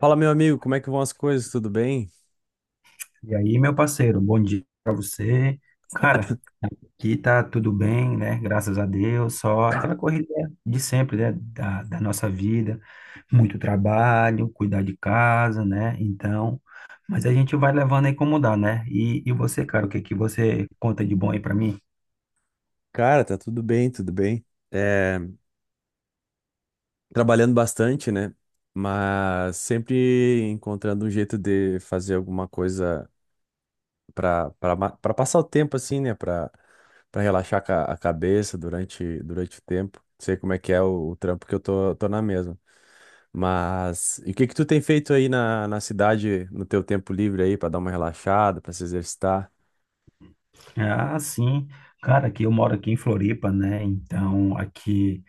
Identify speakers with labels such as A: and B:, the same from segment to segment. A: Fala, meu amigo, como é que vão as coisas? Tudo bem?
B: E aí, meu parceiro, bom dia para você. Cara, aqui tá tudo bem, né? Graças a Deus, só aquela corrida de sempre, né? Da nossa vida, muito trabalho, cuidar de casa, né? Então, mas a gente vai levando aí como dá, né? E você, cara, o que que você conta de bom aí para mim?
A: Cara, tá tudo bem, tudo bem. É, trabalhando bastante, né? Mas sempre encontrando um jeito de fazer alguma coisa pra para passar o tempo assim, né? Pra Para relaxar a cabeça durante o tempo. Sei como é que é o trampo que eu tô na mesma. Mas e o que que tu tem feito aí na cidade no teu tempo livre aí pra dar uma relaxada, pra se exercitar?
B: Ah, sim, cara, que eu moro aqui em Floripa, né? Então, aqui.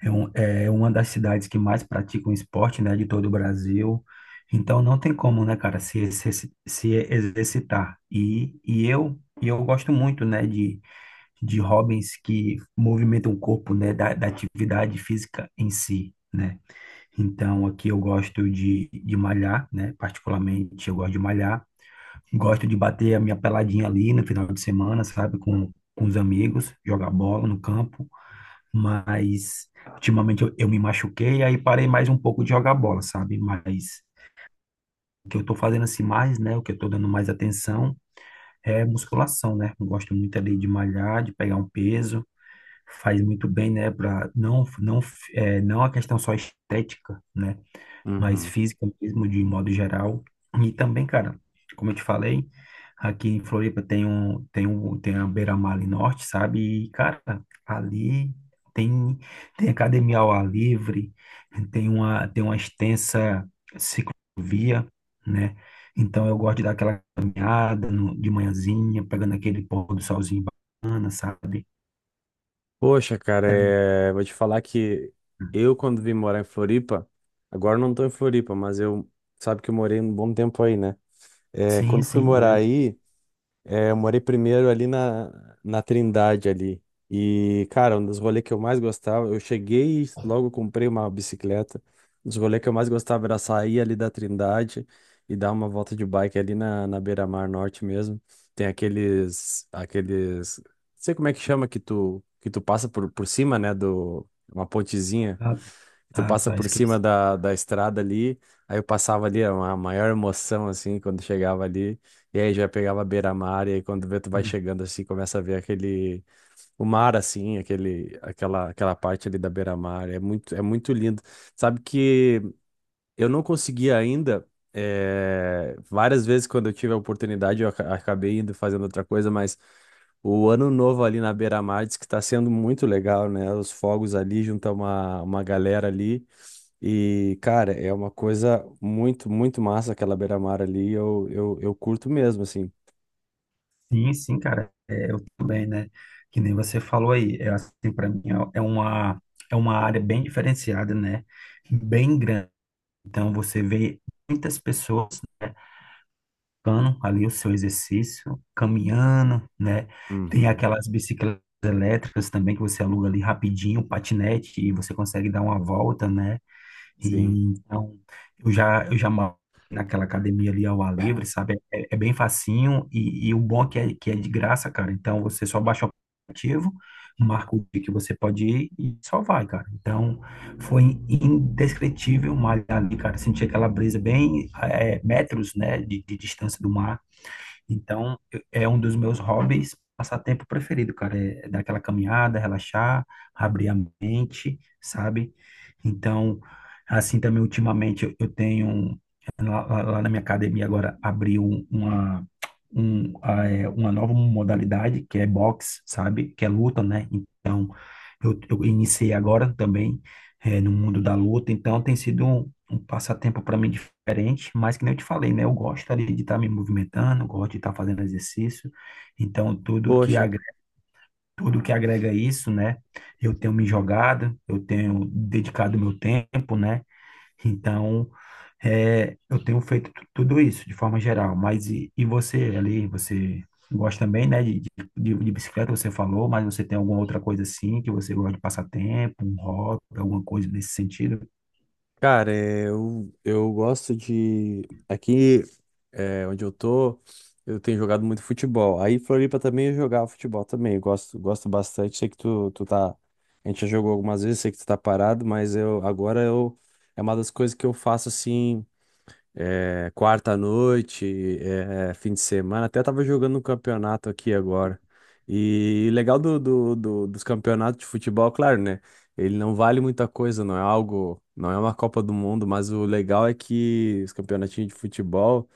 B: É, é uma das cidades que mais praticam esporte, né, de todo o Brasil. Então não tem como, né, cara, se exercitar. E eu gosto muito, né, de hobbies que movimentam o corpo, né, da atividade física em si, né. Então aqui eu gosto de malhar, né, particularmente eu gosto de malhar. Gosto de bater a minha peladinha ali no final de semana, sabe, com os amigos, jogar bola no campo, mas ultimamente eu me machuquei, aí parei mais um pouco de jogar bola, sabe? Mas o que eu tô fazendo assim mais, né? O que eu tô dando mais atenção é musculação, né? Eu gosto muito ali de malhar, de pegar um peso, faz muito bem, né? Pra não, não, é, Não a questão só estética, né, mais
A: Uhum.
B: física mesmo, de modo geral. E também, cara, como eu te falei, aqui em Floripa tem a Beira-Mar ali Norte, sabe? E, cara, ali tem, tem academia ao ar livre, tem uma extensa ciclovia, né? Então eu gosto de dar aquela caminhada no- de manhãzinha, pegando aquele pôr do solzinho bacana, sabe?
A: Poxa, cara, vou te falar que eu, quando vim morar em Floripa, agora eu não tô em Floripa, mas eu, sabe que eu morei um bom tempo aí, né?
B: Sim,
A: Quando fui
B: sim,
A: morar
B: lembro.
A: aí, eu morei primeiro ali na Trindade ali. E, cara, um dos rolês que eu mais gostava, eu cheguei e logo comprei uma bicicleta. Um dos rolês que eu mais gostava era sair ali da Trindade e dar uma volta de bike ali na Beira-Mar Norte mesmo. Tem aqueles, não sei como é que chama, que tu passa por cima, né, do, uma pontezinha.
B: Ah,
A: Tu
B: tá,
A: passa
B: tá,
A: por cima
B: esqueci.
A: da estrada ali, aí eu passava ali, era uma maior emoção, assim, quando chegava ali, e aí já pegava a beira-mar, e aí quando vê, tu vai chegando assim, começa a ver aquele, o mar, assim, aquele, aquela parte ali da beira-mar, é muito lindo. Sabe que eu não consegui ainda. Várias vezes, quando eu tive a oportunidade, eu acabei indo fazendo outra coisa, mas o ano novo ali na beira-mar diz que está sendo muito legal, né? Os fogos ali, junta uma galera ali. E, cara, é uma coisa muito, muito massa aquela beira-mar ali. Eu curto mesmo, assim.
B: Sim, sim, cara, é, eu também, né? Que nem você falou aí, é assim, para mim é é uma área bem diferenciada, né? Bem grande. Então você vê muitas pessoas, né, praticando ali o seu exercício, caminhando, né? Tem
A: Uhum,
B: aquelas bicicletas elétricas também que você aluga ali rapidinho, patinete e você consegue dar uma volta, né?
A: sim.
B: E, então, eu já malho naquela academia ali ao ar livre, sabe? É, é bem facinho e o bom é que, é que é de graça, cara. Então, você só baixa o aplicativo, marca o dia que você pode ir e só vai, cara. Então, foi indescritível malhar ali, cara. Senti aquela brisa bem, metros, né, de distância do mar. É um dos meus hobbies, passatempo preferido, cara. É dar aquela caminhada, relaxar, abrir a mente, sabe? Então, assim também, ultimamente, eu tenho. Lá na minha academia agora abriu uma, uma nova modalidade, que é boxe, sabe? Que é luta, né? Então, eu iniciei agora também, no mundo da luta. Então, tem sido um, um passatempo para mim diferente, mas que nem eu te falei, né? Eu gosto ali de estar me movimentando, gosto de estar fazendo exercício. Então,
A: Poxa,
B: tudo que agrega isso, né? Eu tenho me jogado, eu tenho dedicado meu tempo, né? Então, é, eu tenho feito tudo isso de forma geral. Mas e você ali, você gosta também, né, de bicicleta, você falou, mas você tem alguma outra coisa assim que você gosta de passatempo, um hobby, alguma coisa nesse sentido?
A: cara, é, eu gosto de. Aqui é, onde eu tô, eu tenho jogado muito futebol. Aí Floripa também eu jogava futebol também. Eu gosto, gosto bastante. Sei que tu tá. A gente já jogou algumas vezes, sei que tu tá parado, mas eu agora eu é uma das coisas que eu faço assim, é, quarta à noite, é, fim de semana. Até tava jogando um campeonato aqui agora. E legal dos campeonatos de futebol, claro, né? Ele não vale muita coisa, não é algo, não é uma Copa do Mundo, mas o legal é que os campeonatinhos de futebol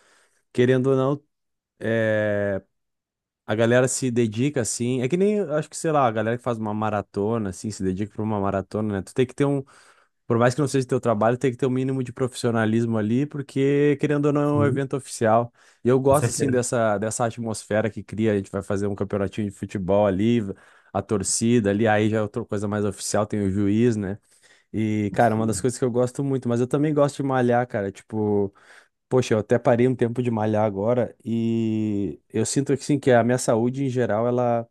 A: querendo ou não, é, a galera se dedica assim. É que nem, acho que, sei lá, a galera que faz uma maratona, assim, se dedica pra uma maratona, né? Tu tem que ter um, por mais que não seja teu trabalho, tem que ter um mínimo de profissionalismo ali, porque, querendo ou não, é um
B: Sim,
A: evento oficial. E eu
B: com
A: gosto, assim,
B: certeza.
A: dessa atmosfera que cria. A gente vai fazer um campeonatinho de futebol ali, a torcida ali, aí já é outra coisa mais oficial, tem o juiz, né? E, cara, é uma das
B: Sim,
A: coisas que eu gosto muito, mas eu também gosto de malhar, cara. Tipo, poxa, eu até parei um tempo de malhar agora e eu sinto que sim, que a minha saúde em geral ela,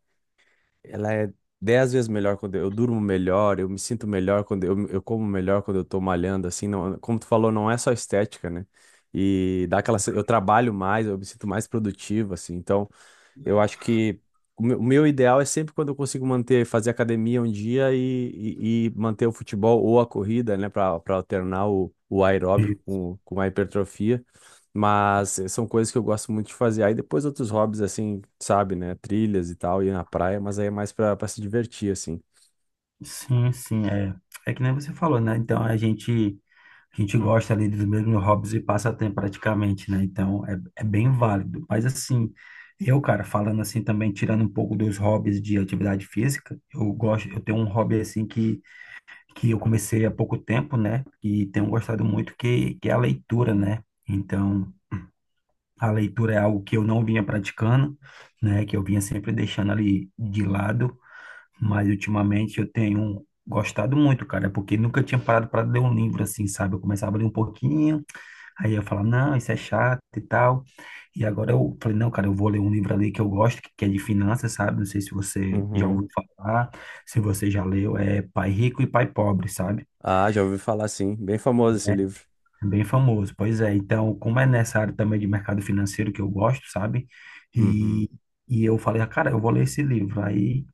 A: ela é dez vezes melhor quando eu durmo melhor, eu me sinto melhor quando eu como melhor quando eu tô malhando, assim, não, como tu falou, não é só estética, né? E dá aquela, eu trabalho mais, eu me sinto mais produtivo, assim, então eu acho que o meu ideal é sempre quando eu consigo manter, fazer academia um dia e manter o futebol ou a corrida, né, para alternar o aeróbico
B: E-
A: com a hipertrofia. Mas são coisas que eu gosto muito de fazer. Aí depois outros hobbies, assim, sabe, né, trilhas e tal, ir na praia, mas aí é mais para se divertir, assim.
B: sim, sim, é. É que nem você falou, né? Então a gente gosta ali dos mesmos hobbies e passatempo praticamente, né? Então é, é bem válido. Mas assim, eu, cara, falando assim também, tirando um pouco dos hobbies de atividade física, eu gosto, eu tenho um hobby assim que eu comecei há pouco tempo, né? E tenho gostado muito, que é a leitura, né? Então, a leitura é algo que eu não vinha praticando, né? Que eu vinha sempre deixando ali de lado, mas ultimamente eu tenho gostado muito, cara, porque nunca tinha parado para ler um livro assim, sabe? Eu começava a ler um pouquinho, aí eu falava, não, isso é chato e tal. E agora eu falei, não, cara, eu vou ler um livro ali que eu gosto, que é de finanças, sabe? Não sei se você já
A: Uhum.
B: ouviu falar, se você já leu, é Pai Rico e Pai Pobre, sabe?
A: Ah, já ouvi falar, sim. Bem famoso esse livro.
B: Bem famoso, pois é. Então, como é nessa área também de mercado financeiro que eu gosto, sabe?
A: Uhum.
B: E, e eu falei, ah, cara, eu vou ler esse livro. Aí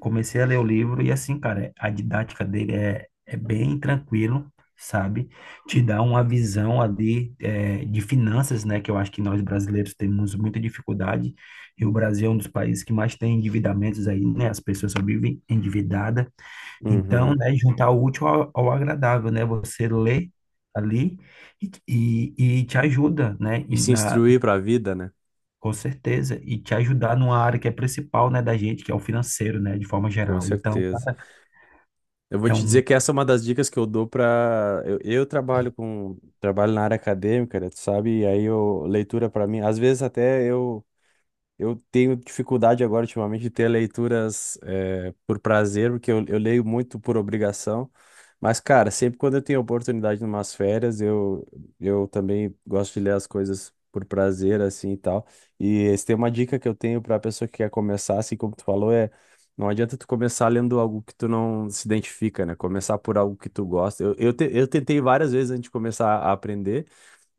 B: comecei a ler o livro e assim, cara, a didática dele é, é bem tranquilo, sabe? Te dá uma visão ali, de finanças, né? Que eu acho que nós brasileiros temos muita dificuldade. E o Brasil é um dos países que mais tem endividamentos aí, né? As pessoas só vivem endividadas. Então,
A: Uhum.
B: né, juntar o útil ao agradável, né? Você lê ali e te ajuda, né?
A: E
B: E
A: se
B: na,
A: instruir para a vida, né?
B: com certeza, e te ajudar numa área que é principal, né, da gente, que é o financeiro, né, de forma
A: Com
B: geral. Então,
A: certeza. Eu vou
B: é
A: te dizer
B: um,
A: que essa é uma das dicas que eu dou para eu trabalho com trabalho na área acadêmica, né, tu sabe? E aí eu leitura para mim, às vezes até eu tenho dificuldade agora, ultimamente, de ter leituras por prazer, porque eu leio muito por obrigação. Mas, cara, sempre quando eu tenho oportunidade em umas férias, eu também gosto de ler as coisas por prazer, assim e tal. E se tem uma dica que eu tenho para a pessoa que quer começar, assim como tu falou, é não adianta tu começar lendo algo que tu não se identifica, né? Começar por algo que tu gosta. Eu tentei várias vezes antes de começar a aprender.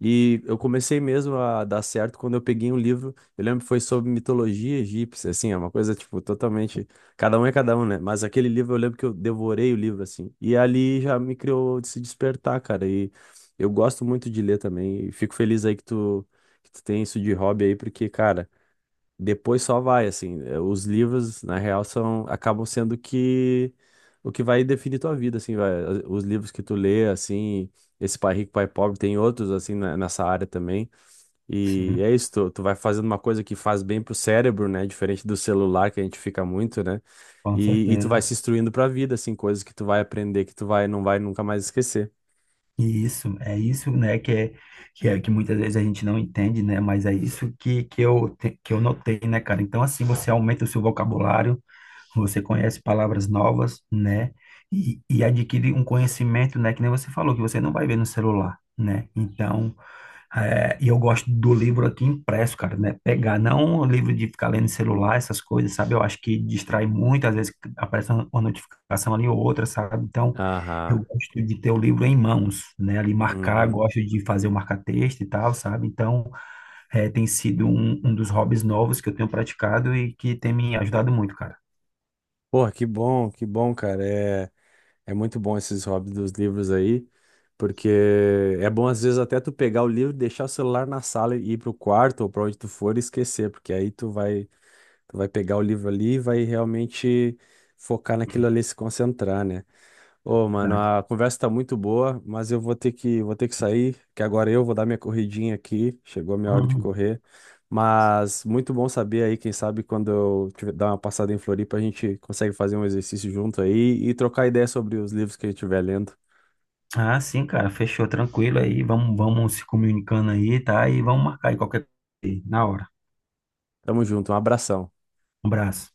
A: E eu comecei mesmo a dar certo quando eu peguei um livro, eu lembro que foi sobre mitologia egípcia, assim, é uma coisa, tipo, totalmente, cada um é cada um, né? Mas aquele livro, eu lembro que eu devorei o livro, assim, e ali já me criou de se despertar, cara, e eu gosto muito de ler também, e fico feliz aí que tu tem isso de hobby aí, porque, cara, depois só vai, assim. Os livros, na real, são, acabam sendo que o que vai definir tua vida, assim, vai. Os livros que tu lê, assim, esse Pai Rico, Pai Pobre, tem outros, assim, nessa área também. E
B: sim,
A: é isso, tu, tu vai fazendo uma coisa que faz bem pro cérebro, né? Diferente do celular, que a gente fica muito, né?
B: com
A: E tu vai se
B: certeza.
A: instruindo pra vida, assim, coisas que tu vai aprender, que tu vai, não vai nunca mais esquecer.
B: É isso, né, que é que muitas vezes a gente não entende, né, mas é isso que eu, que eu notei, né, cara? Então, assim, você aumenta o seu vocabulário, você conhece palavras novas, né? E adquire um conhecimento, né? Que nem você falou, que você não vai ver no celular, né? Então, é, e eu gosto do livro aqui impresso, cara, né? Pegar, não o livro de ficar lendo celular, essas coisas, sabe? Eu acho que distrai muito, às vezes aparece uma notificação ali ou outra, sabe? Então, eu
A: Aham.
B: gosto de ter o livro em mãos, né? Ali marcar,
A: Uhum.
B: gosto de fazer o marca-texto e tal, sabe? Então, é, tem sido um, um dos hobbies novos que eu tenho praticado e que tem me ajudado muito, cara.
A: Porra, que bom, cara. É muito bom esses hobbies dos livros aí, porque é bom às vezes até tu pegar o livro, deixar o celular na sala e ir pro quarto ou para onde tu for e esquecer, porque aí tu vai pegar o livro ali e vai realmente focar naquilo ali, e se concentrar, né? Ô, mano,
B: Verdade.
A: a conversa tá muito boa, mas eu vou ter vou ter que sair, que agora eu vou dar minha corridinha aqui. Chegou a minha hora de
B: Uhum.
A: correr. Mas muito bom saber aí, quem sabe quando eu tiver, dar uma passada em Floripa, a gente consegue fazer um exercício junto aí e trocar ideia sobre os livros que a gente estiver lendo.
B: Ah, sim, cara, fechou, tranquilo aí. Vamos se comunicando aí, tá? E vamos marcar aí qualquer coisa aí, na hora.
A: Tamo junto, um abração.
B: Um abraço.